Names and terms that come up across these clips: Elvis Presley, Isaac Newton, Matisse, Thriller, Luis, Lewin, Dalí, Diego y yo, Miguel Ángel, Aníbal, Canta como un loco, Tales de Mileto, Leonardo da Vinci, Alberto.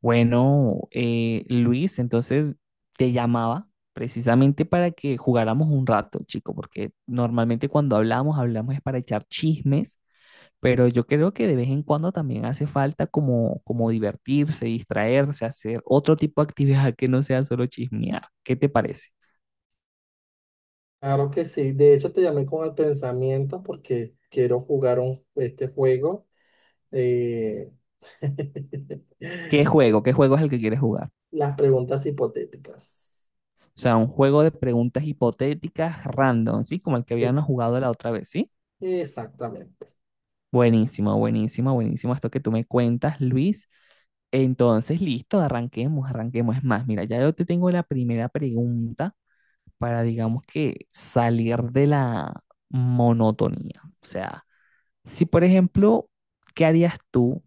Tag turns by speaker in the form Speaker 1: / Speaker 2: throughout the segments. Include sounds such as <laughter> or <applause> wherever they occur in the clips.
Speaker 1: Bueno, Luis, entonces te llamaba precisamente para que jugáramos un rato, chico, porque normalmente cuando hablamos, hablamos es para echar chismes, pero yo creo que de vez en cuando también hace falta como divertirse, distraerse, hacer otro tipo de actividad que no sea solo chismear. ¿Qué te parece?
Speaker 2: Claro que sí. De hecho, te llamé con el pensamiento porque quiero jugar este juego. eh,
Speaker 1: ¿Qué
Speaker 2: <laughs>
Speaker 1: juego? ¿Qué juego es el que quieres jugar?
Speaker 2: las preguntas hipotéticas.
Speaker 1: O sea, un juego de preguntas hipotéticas random, ¿sí? Como el que
Speaker 2: Eh,
Speaker 1: habíamos jugado la otra vez, ¿sí?
Speaker 2: Exactamente.
Speaker 1: Buenísimo, buenísimo, buenísimo esto que tú me cuentas, Luis. Entonces, listo, arranquemos, arranquemos. Es más, mira, ya yo te tengo la primera pregunta para, digamos que, salir de la monotonía. O sea, si por ejemplo, ¿qué harías tú,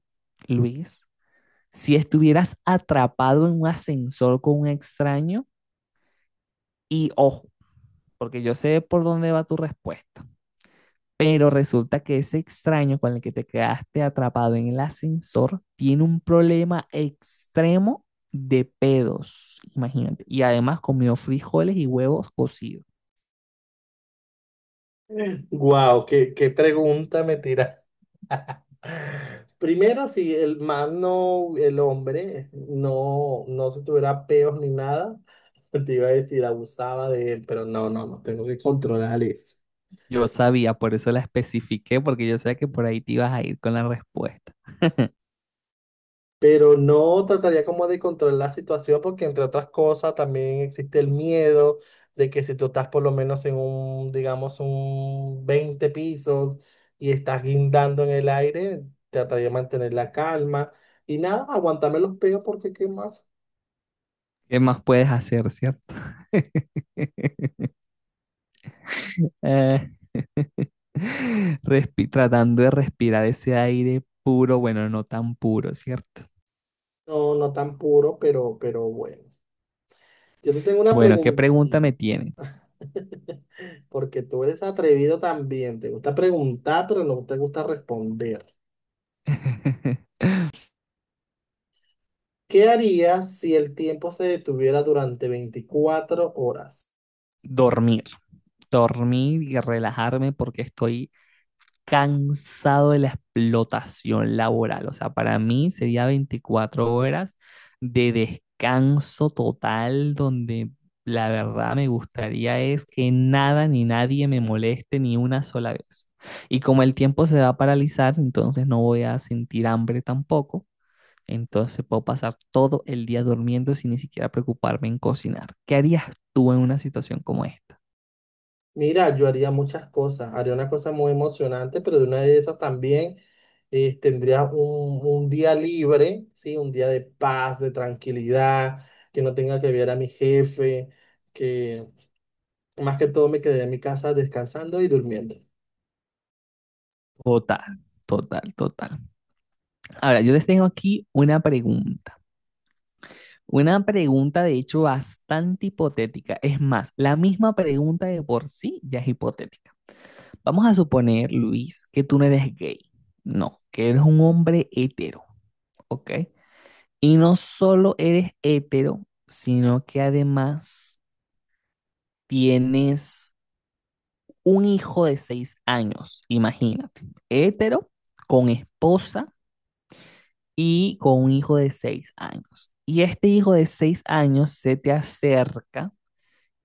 Speaker 1: Luis, si estuvieras atrapado en un ascensor con un extraño? Y ojo, porque yo sé por dónde va tu respuesta. Pero resulta que ese extraño con el que te quedaste atrapado en el ascensor tiene un problema extremo de pedos, imagínate. Y además comió frijoles y huevos cocidos.
Speaker 2: Wow, qué pregunta me tira. Primero, si el hombre no se tuviera peos ni nada, <laughs> te iba a decir abusaba de él, pero no, tengo que controlar eso.
Speaker 1: Yo sabía, por eso la especifiqué, porque yo sabía que por ahí te ibas a ir con la respuesta.
Speaker 2: Pero no trataría como de controlar la situación porque entre otras cosas también existe el miedo de que si tú estás por lo menos en un, digamos, un 20 pisos y estás guindando en el aire, trataría de mantener la calma y nada, aguantarme los pegos porque qué más,
Speaker 1: ¿Qué más puedes hacer, cierto? <laughs> Eh, Tratando de respirar ese aire puro, bueno, no tan puro, ¿cierto?
Speaker 2: no, no tan puro, pero bueno. Yo te tengo una
Speaker 1: Bueno, ¿qué
Speaker 2: pregunta,
Speaker 1: pregunta me tienes?
Speaker 2: porque tú eres atrevido también, te gusta preguntar, pero no te gusta responder.
Speaker 1: <laughs>
Speaker 2: ¿Qué harías si el tiempo se detuviera durante 24 horas?
Speaker 1: Dormir. Dormir y relajarme porque estoy cansado de la explotación laboral. O sea, para mí sería 24 horas de descanso total donde la verdad me gustaría es que nada ni nadie me moleste ni una sola vez. Y como el tiempo se va a paralizar, entonces no voy a sentir hambre tampoco. Entonces puedo pasar todo el día durmiendo sin ni siquiera preocuparme en cocinar. ¿Qué harías tú en una situación como esta?
Speaker 2: Mira, yo haría muchas cosas. Haría una cosa muy emocionante, pero de una de esas también tendría un día libre, ¿sí? Un día de paz, de tranquilidad, que no tenga que ver a mi jefe, que más que todo me quedé en mi casa descansando y durmiendo.
Speaker 1: Total, total, total. Ahora, yo les tengo aquí una pregunta. Una pregunta, de hecho, bastante hipotética. Es más, la misma pregunta de por sí ya es hipotética. Vamos a suponer, Luis, que tú no eres gay. No, que eres un hombre hetero, ¿ok? Y no solo eres hetero, sino que además tienes un hijo de 6 años, imagínate, hetero, con esposa y con un hijo de 6 años. Y este hijo de 6 años se te acerca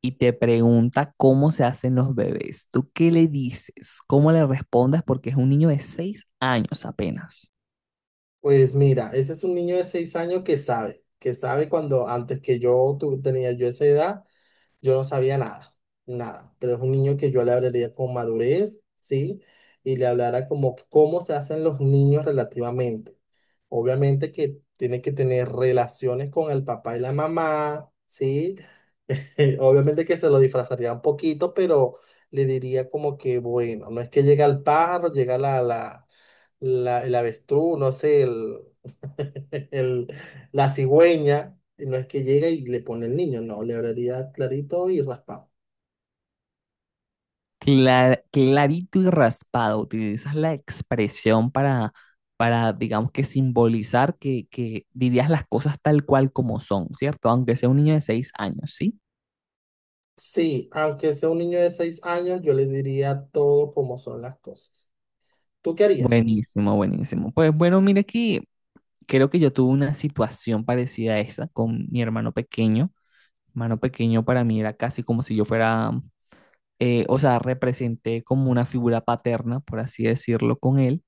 Speaker 1: y te pregunta cómo se hacen los bebés. ¿Tú qué le dices? ¿Cómo le respondes? Porque es un niño de 6 años apenas.
Speaker 2: Pues mira, ese es un niño de 6 años que sabe cuando antes que tenía yo esa edad. Yo no sabía nada, nada, pero es un niño que yo le hablaría con madurez, ¿sí? Y le hablara como cómo se hacen los niños relativamente. Obviamente que tiene que tener relaciones con el papá y la mamá, ¿sí? <laughs> Obviamente que se lo disfrazaría un poquito, pero le diría como que, bueno, no es que llega el pájaro, llega el avestruz, no sé, <laughs> el- la cigüeña, y no es que llega y le pone el niño, no, le hablaría clarito y raspado.
Speaker 1: Clarito y raspado, utilizas la expresión para digamos que simbolizar que dirías las cosas tal cual como son, ¿cierto? Aunque sea un niño de 6 años, ¿sí?
Speaker 2: Sí, aunque sea un niño de 6 años, yo les diría todo como son las cosas. ¿Tú qué harías?
Speaker 1: Buenísimo, buenísimo. Pues bueno, mira aquí, creo que yo tuve una situación parecida a esa con mi hermano pequeño. Hermano pequeño para mí era casi como si yo fuera, o sea, representé como una figura paterna, por así decirlo, con él.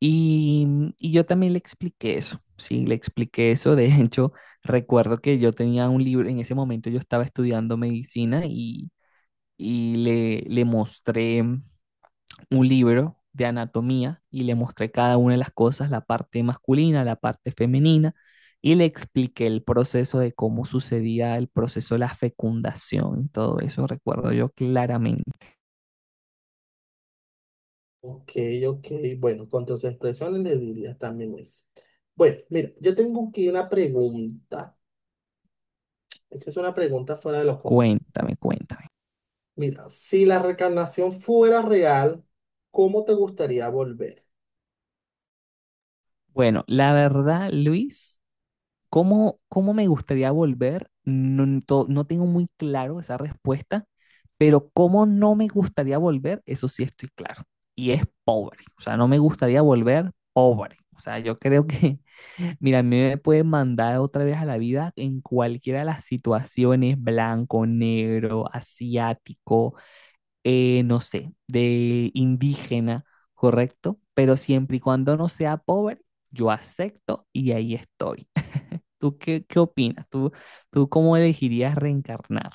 Speaker 1: Y, y yo también le expliqué eso, sí, le expliqué eso. De <laughs> hecho, recuerdo que yo tenía un libro, en ese momento yo estaba estudiando medicina y le mostré un libro de anatomía y le mostré cada una de las cosas, la parte masculina, la parte femenina, y le expliqué el proceso de cómo sucedía el proceso de la fecundación, todo eso recuerdo yo claramente.
Speaker 2: Ok, ok. Bueno, con tus expresiones les dirías también eso. Bueno, mira, yo tengo aquí una pregunta. Esa es una pregunta fuera de lo común.
Speaker 1: Cuéntame, cuéntame.
Speaker 2: Mira, si la reencarnación fuera real, ¿cómo te gustaría volver?
Speaker 1: Bueno, la verdad, Luis, ¿cómo me gustaría volver? No tengo muy claro esa respuesta, pero cómo no me gustaría volver, eso sí estoy claro. Y es pobre. O sea, no me gustaría volver pobre. O sea, yo creo que mira, a mí me puede mandar otra vez a la vida en cualquiera de las situaciones, blanco, negro, asiático, no sé, de indígena, ¿correcto? Pero siempre y cuando no sea pobre, yo acepto y ahí estoy. <laughs> ¿Tú qué opinas? ¿Tú cómo elegirías reencarnar?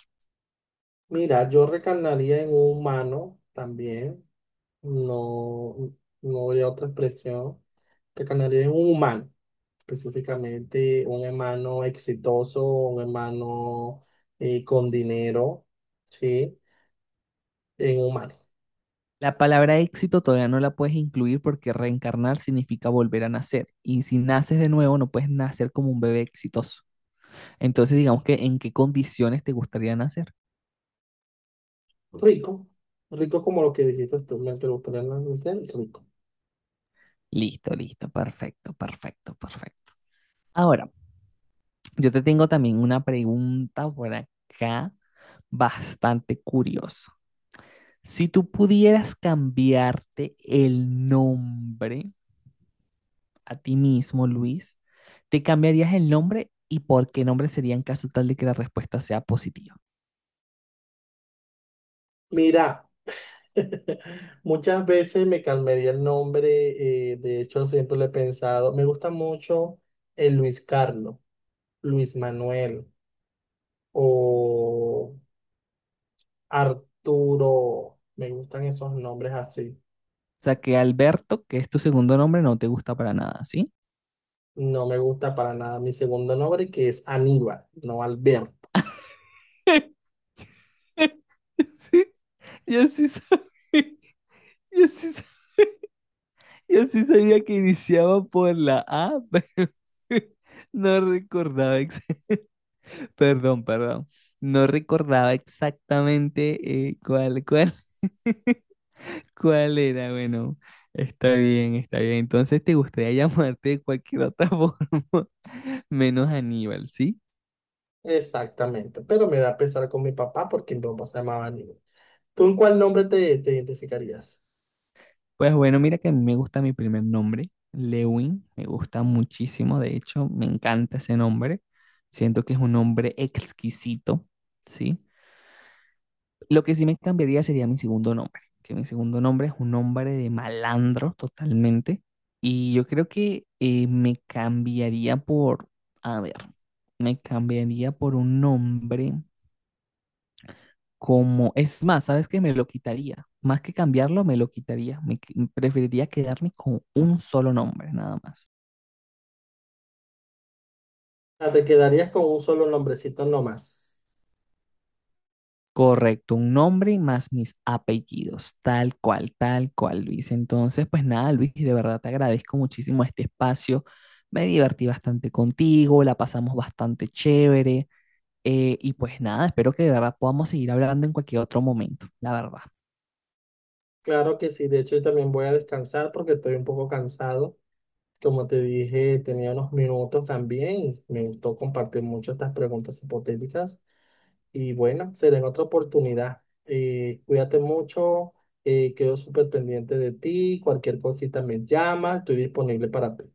Speaker 2: Mira, yo reencarnaría en un humano también. No, no habría otra expresión. Reencarnaría en un humano, específicamente un hermano exitoso, un hermano con dinero, ¿sí? En un mano.
Speaker 1: La palabra éxito todavía no la puedes incluir porque reencarnar significa volver a nacer. Y si naces de nuevo, no puedes nacer como un bebé exitoso. Entonces, digamos que en qué condiciones te gustaría nacer.
Speaker 2: Rico, rico como lo que dijiste tú, me preguntaron en la noche, rico.
Speaker 1: Listo, listo, perfecto, perfecto, perfecto. Ahora, yo te tengo también una pregunta por acá bastante curiosa. Si tú pudieras cambiarte el nombre a ti mismo, Luis, ¿te cambiarías el nombre y por qué nombre sería en caso tal de que la respuesta sea positiva?
Speaker 2: Mira, <laughs> muchas veces me cambiaría el nombre, de hecho siempre lo he pensado, me gusta mucho el Luis Carlos, Luis Manuel o Arturo, me gustan esos nombres así.
Speaker 1: O sea, que Alberto, que es tu segundo nombre, no te gusta para nada, ¿sí?
Speaker 2: No me gusta para nada mi segundo nombre, que es Aníbal, no Alberto.
Speaker 1: <laughs> Sí, yo sí sabía. Yo sí, sa- yo sí sabía que iniciaba por la A, <laughs> pero no recordaba, perdón, perdón, no recordaba exactamente <laughs> cuál era. Bueno, está bien, está bien. Entonces te gustaría llamarte de cualquier otra <laughs> forma, menos Aníbal, ¿sí?
Speaker 2: Exactamente. Pero me da pesar con mi papá porque mi papá se llamaba Aníbal. ¿Tú en cuál te identificarías?
Speaker 1: Pues bueno, mira que a mí me gusta mi primer nombre, Lewin, me gusta muchísimo, de hecho, me encanta ese nombre. Siento que es un nombre exquisito, ¿sí? Lo que sí me cambiaría sería mi segundo nombre, que mi segundo nombre es un nombre de malandro totalmente. Y yo creo que me cambiaría por, a ver, me cambiaría por un nombre como, es más, ¿sabes qué? Me lo quitaría. Más que cambiarlo, me lo quitaría. Preferiría quedarme con un solo nombre, nada más.
Speaker 2: Ah, ¿te quedarías con un solo nombrecito nomás?
Speaker 1: Correcto, un nombre más mis apellidos, tal cual, Luis. Entonces, pues nada, Luis, de verdad te agradezco muchísimo este espacio. Me divertí bastante contigo, la pasamos bastante chévere. Y pues nada, espero que de verdad podamos seguir hablando en cualquier otro momento, la verdad.
Speaker 2: Claro que sí. De hecho, yo también voy a descansar porque estoy un poco cansado. Como te dije, tenía unos minutos también. Me gustó compartir mucho estas preguntas hipotéticas. Y bueno, será en otra oportunidad. Cuídate mucho, quedo súper pendiente de ti, cualquier cosita me llamas, estoy disponible para ti.